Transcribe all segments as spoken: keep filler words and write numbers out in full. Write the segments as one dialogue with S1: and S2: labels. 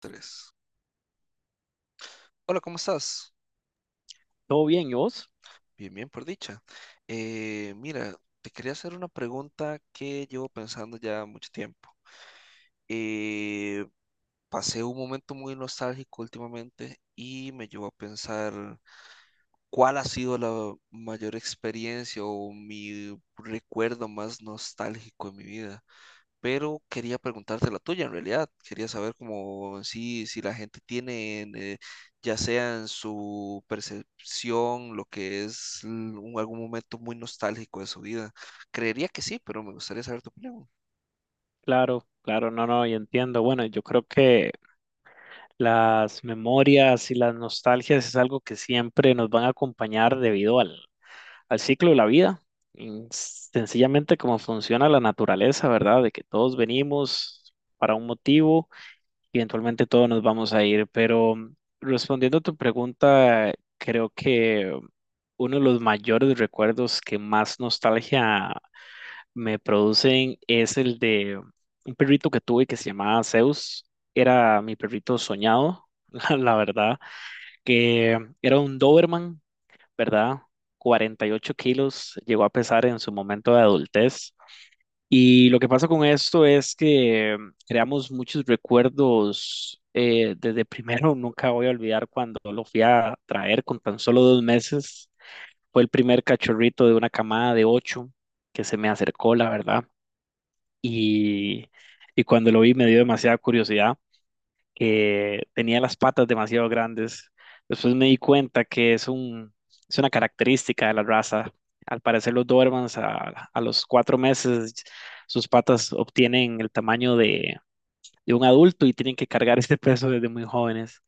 S1: Tres. Hola, ¿cómo estás?
S2: ¿Todo bien? ¿Y vos?
S1: Bien, bien, por dicha. Eh, mira, te quería hacer una pregunta que llevo pensando ya mucho tiempo. Eh, pasé un momento muy nostálgico últimamente y me llevó a pensar cuál ha sido la mayor experiencia o mi recuerdo más nostálgico en mi vida. Pero quería preguntarte la tuya en realidad. Quería saber cómo si, si la gente tiene, en, eh, ya sea en su percepción, lo que es l- un- algún momento muy nostálgico de su vida. Creería que sí, pero me gustaría saber tu opinión.
S2: Claro, claro, no, no, y entiendo. Bueno, yo creo que las memorias y las nostalgias es algo que siempre nos van a acompañar debido al, al ciclo de la vida. Y sencillamente como funciona la naturaleza, ¿verdad? De que todos venimos para un motivo y eventualmente todos nos vamos a ir. Pero mm, respondiendo a tu pregunta, creo que uno de los mayores recuerdos que más nostalgia me producen es el de un perrito que tuve que se llamaba Zeus. Era mi perrito soñado, la, la verdad, que era un Doberman, ¿verdad? cuarenta y ocho kilos, llegó a pesar en su momento de adultez. Y lo que pasa con esto es que creamos muchos recuerdos eh, desde primero. Nunca voy a olvidar cuando lo fui a traer con tan solo dos meses. Fue el primer cachorrito de una camada de ocho que se me acercó, la verdad, y, y cuando lo vi me dio demasiada curiosidad, que tenía las patas demasiado grandes. Después me di cuenta que es un, es una característica de la raza. Al parecer los Dobermans a, a los cuatro meses sus patas obtienen el tamaño de, de un adulto y tienen que cargar este peso desde muy jóvenes.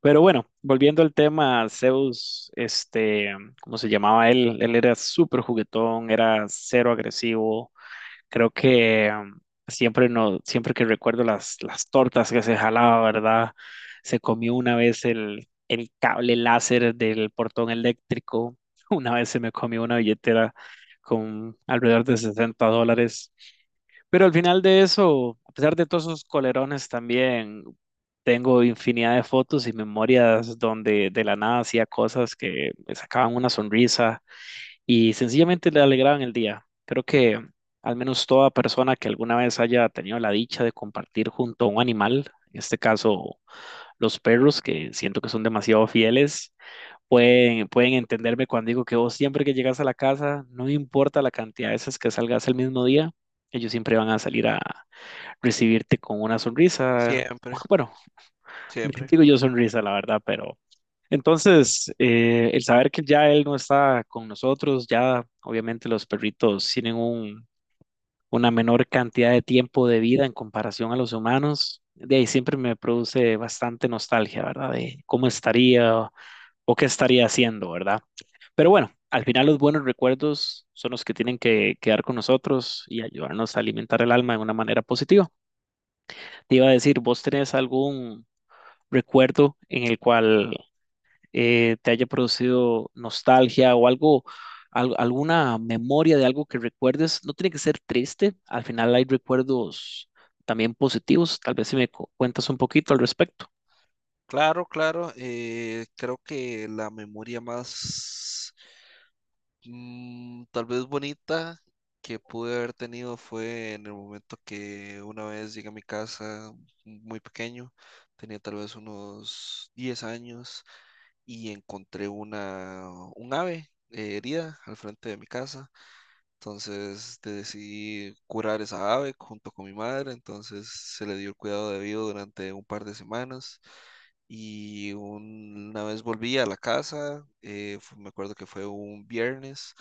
S2: Pero bueno, volviendo al tema, Zeus, este, ¿cómo se llamaba él? Él era súper juguetón, era cero agresivo. Creo que um, siempre, no, siempre que recuerdo las, las tortas que se jalaba, ¿verdad? Se comió una vez el, el cable láser del portón eléctrico. Una vez se me comió una billetera con alrededor de sesenta dólares. Pero al final de eso, a pesar de todos esos colerones, también tengo infinidad de fotos y memorias donde de la nada hacía cosas que me sacaban una sonrisa y sencillamente le alegraban el día. Creo que al menos toda persona que alguna vez haya tenido la dicha de compartir junto a un animal, en este caso los perros, que siento que son demasiado fieles, pueden, pueden entenderme cuando digo que vos siempre que llegas a la casa, no importa la cantidad de veces que salgas el mismo día, ellos siempre van a salir a recibirte con una sonrisa.
S1: Siempre,
S2: Bueno,
S1: siempre.
S2: digo yo sonrisa, la verdad, pero entonces eh, el saber que ya él no está con nosotros, ya obviamente los perritos tienen un, una menor cantidad de tiempo de vida en comparación a los humanos, de ahí siempre me produce bastante nostalgia, ¿verdad? De cómo estaría o qué estaría haciendo, ¿verdad? Pero bueno, al final los buenos recuerdos son los que tienen que quedar con nosotros y ayudarnos a alimentar el alma de una manera positiva. Te iba a decir, ¿vos tenés algún recuerdo en el cual eh, te haya producido nostalgia o algo, al- alguna memoria de algo que recuerdes? No tiene que ser triste, al final hay recuerdos también positivos. Tal vez si me cu- cuentas un poquito al respecto.
S1: Claro, claro. Eh, creo que la memoria más Mm, tal vez bonita que pude haber tenido fue en el momento que una vez llegué a mi casa muy pequeño, tenía tal vez unos diez años y encontré una, un ave eh, herida al frente de mi casa. Entonces de- decidí curar esa ave junto con mi madre, entonces se le dio el cuidado debido durante un par de semanas y un- una vez volví a la casa, eh, fu- me acuerdo que fue un viernes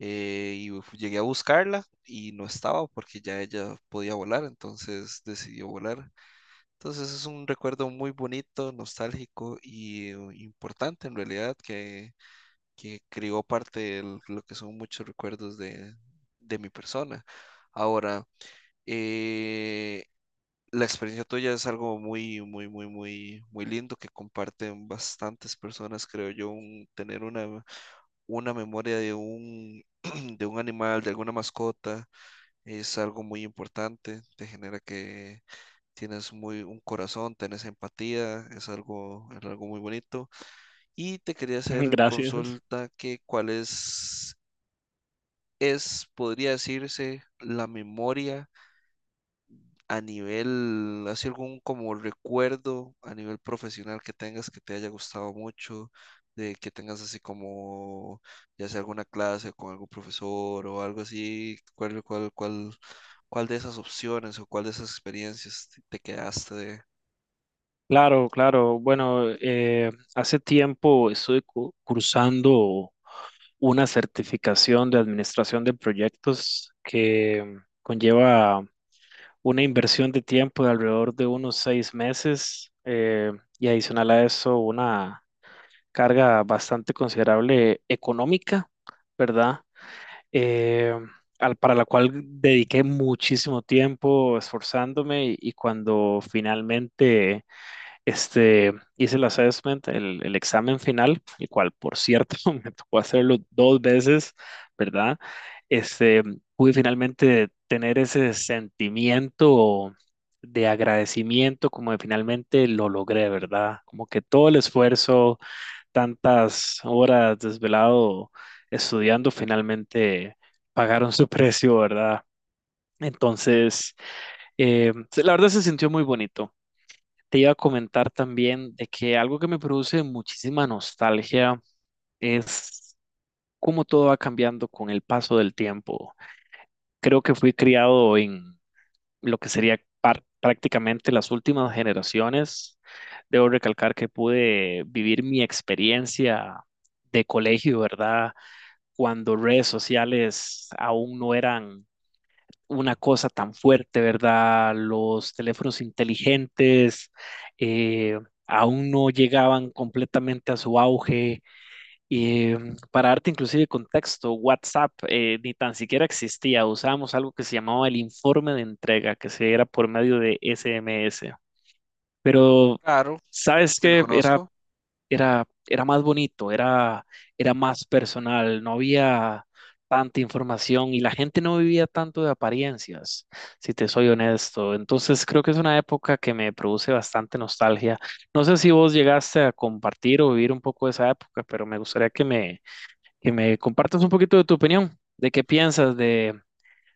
S1: eh, y fu- llegué a buscarla y no estaba porque ya ella podía volar, entonces decidió volar. Entonces es un recuerdo muy bonito, nostálgico y eh, importante en realidad que que creó parte de lo que son muchos recuerdos de, de mi persona. Ahora, eh, la experiencia tuya es algo muy, muy, muy, muy, muy lindo que comparten bastantes personas, creo yo, un- tener una, una memoria de un, de un animal, de alguna mascota, es algo muy importante, te genera que tienes muy, un corazón, tienes empatía, es algo, es algo muy bonito. Y te quería hacer
S2: Gracias.
S1: consulta que cuál es es, podría decirse, la memoria a nivel, así algún como recuerdo a nivel profesional que tengas que te haya gustado mucho, de que tengas así como, ya sea alguna clase con algún profesor o algo así, cuál, cuál, cuál, cuál de esas opciones o cuál de esas experiencias te te quedaste de...
S2: Claro, claro. Bueno, eh, hace tiempo estoy cu- cursando una certificación de administración de proyectos que conlleva una inversión de tiempo de alrededor de unos seis meses, eh, y adicional a eso una carga bastante considerable económica, ¿verdad? Eh, al- para la cual dediqué muchísimo tiempo esforzándome y, y cuando finalmente este, hice el assessment, el, el examen final, el cual, por cierto, me tocó hacerlo dos veces, ¿verdad? Este, pude finalmente tener ese sentimiento de agradecimiento, como de finalmente lo logré, ¿verdad? Como que todo el esfuerzo, tantas horas desvelado estudiando, finalmente pagaron su precio, ¿verdad? Entonces, eh, la verdad se sintió muy bonito. Te iba a comentar también de que algo que me produce muchísima nostalgia es cómo todo va cambiando con el paso del tiempo. Creo que fui criado en lo que sería par- prácticamente las últimas generaciones. Debo recalcar que pude vivir mi experiencia de colegio, ¿verdad? Cuando redes sociales aún no eran una cosa tan fuerte, ¿verdad? Los teléfonos inteligentes eh, aún no llegaban completamente a su auge. Eh, para darte inclusive contexto, WhatsApp eh, ni tan siquiera existía. Usábamos algo que se llamaba el informe de entrega, que se era por medio de S M S. Pero,
S1: Claro,
S2: ¿sabes
S1: te lo
S2: qué? Era
S1: conozco.
S2: era, era más bonito, era, era más personal, no había tanta información y la gente no vivía tanto de apariencias, si te soy honesto. Entonces creo que es una época que me produce bastante nostalgia. No sé si vos llegaste a compartir o vivir un poco esa época, pero me gustaría que me, que me compartas un poquito de tu opinión, de qué piensas de,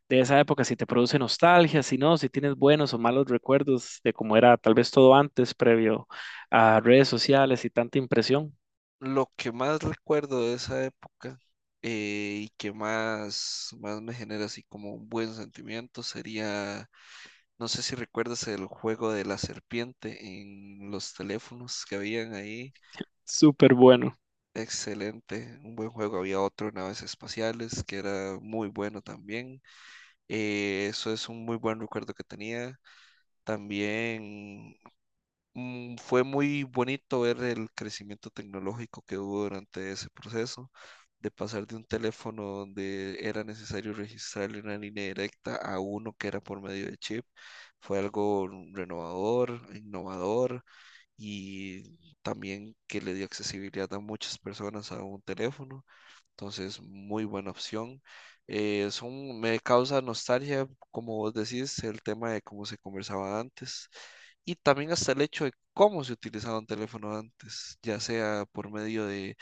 S2: de esa época, si te produce nostalgia, si no, si tienes buenos o malos recuerdos de cómo era tal vez todo antes, previo a redes sociales y tanta impresión.
S1: Lo que más recuerdo de esa época eh, y que más, más me genera así como un buen sentimiento sería... No sé si recuerdas el juego de la serpiente en los teléfonos que habían ahí.
S2: Súper bueno.
S1: Excelente, un buen juego. Había otro, en naves espaciales, que era muy bueno también. Eh, eso es un muy buen recuerdo que tenía. También mm, fue muy bonito ver el crecimiento tecnológico que hubo durante ese proceso, de pasar de un teléfono donde era necesario registrarle una línea directa a uno que era por medio de chip. Fue algo renovador, innovador y también que le dio accesibilidad a muchas personas a un teléfono. Entonces, muy buena opción. Eh, son, me causa nostalgia, como vos decís, el tema de cómo se conversaba antes y también hasta el hecho de cómo se utilizaba un teléfono antes, ya sea por medio de,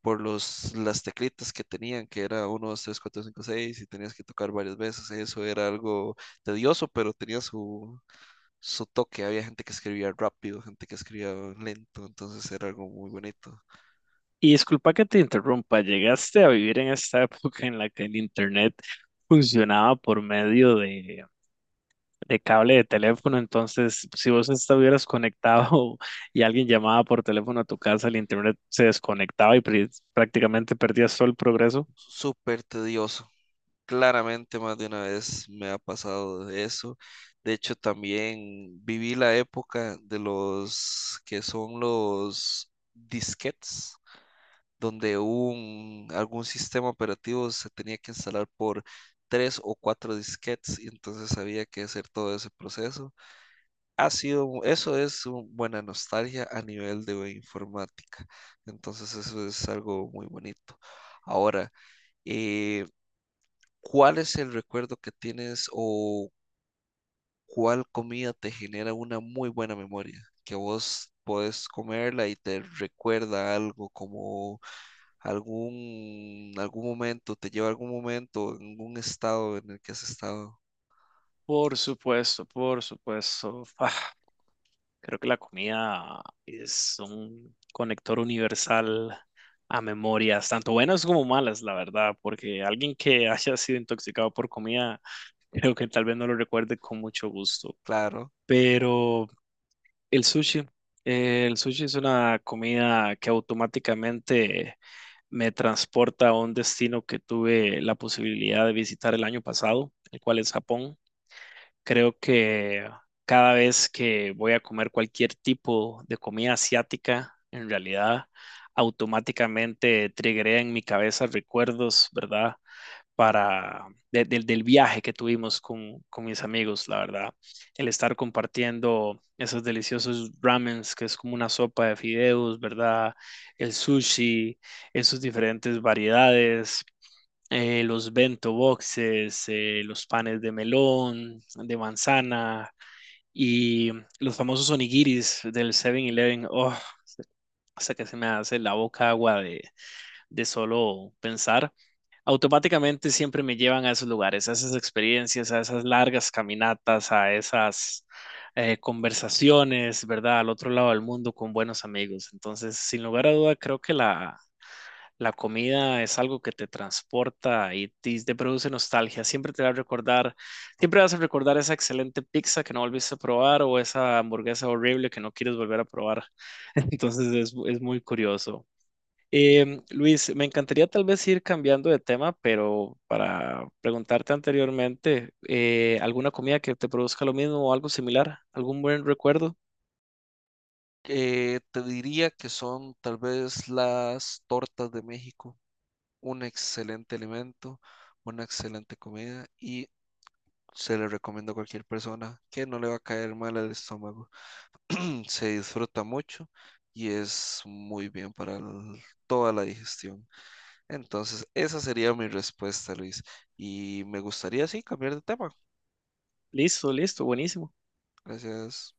S1: por los, las teclitas que tenían, que era uno dos tres cuatro cinco seis y tenías que tocar varias veces. Eso era algo tedioso, pero tenía su, su toque. Había gente que escribía rápido, gente que escribía lento, entonces era algo muy bonito.
S2: Y disculpa que te interrumpa, ¿llegaste a vivir en esta época en la que el internet funcionaba por medio de, de cable de teléfono? Entonces, si vos estuvieras conectado y alguien llamaba por teléfono a tu casa, el internet se desconectaba y pri- prácticamente perdías todo el progreso.
S1: Súper tedioso. Claramente más de una vez me ha pasado eso. De hecho, también viví la época de los que son los disquetes, donde un, algún sistema operativo se tenía que instalar por tres o cuatro disquetes y entonces había que hacer todo ese proceso. Ha sido, eso es una buena nostalgia a nivel de informática. Entonces eso es algo muy bonito. Ahora, eh, ¿cuál es el recuerdo que tienes o cuál comida te genera una muy buena memoria? Que vos podés comerla y te recuerda algo, como algún, algún momento, te lleva a algún momento, algún estado en el que has estado.
S2: Por supuesto, por supuesto. Ah, creo que la comida es un conector universal a memorias, tanto buenas como malas, la verdad, porque alguien que haya sido intoxicado por comida, creo que tal vez no lo recuerde con mucho gusto.
S1: Claro.
S2: Pero el sushi, eh, el sushi es una comida que automáticamente me transporta a un destino que tuve la posibilidad de visitar el año pasado, el cual es Japón. Creo que cada vez que voy a comer cualquier tipo de comida asiática, en realidad automáticamente triggeré en mi cabeza recuerdos, ¿verdad? Para de- del del viaje que tuvimos con, con mis amigos, la verdad. El estar compartiendo esos deliciosos ramens, que es como una sopa de fideos, ¿verdad? El sushi, en sus diferentes variedades, eh, los bento boxes, eh, los panes de melón, de manzana y los famosos onigiris del Seven eleven. Oh, hasta que se me hace la boca agua de, de solo pensar, automáticamente siempre me llevan a esos lugares, a esas experiencias, a esas largas caminatas, a esas eh, conversaciones, ¿verdad? Al otro lado del mundo con buenos amigos. Entonces, sin lugar a duda, creo que la, la comida es algo que te transporta y te, te produce nostalgia. Siempre te va a recordar, siempre vas a recordar esa excelente pizza que no volviste a probar o esa hamburguesa horrible que no quieres volver a probar. Entonces, es, es muy curioso. Em, Luis, me encantaría tal vez ir cambiando de tema, pero para preguntarte anteriormente, eh, ¿alguna comida que te produzca lo mismo o algo similar? ¿Algún buen recuerdo?
S1: Eh, te diría que son tal vez las tortas de México, un excelente alimento, una excelente comida y se le recomiendo a cualquier persona que no le va a caer mal al estómago. Se disfruta mucho y es muy bien para el- toda la digestión. Entonces, esa sería mi respuesta, Luis. Y me gustaría, sí, cambiar de tema.
S2: Listo, listo, buenísimo.
S1: Gracias.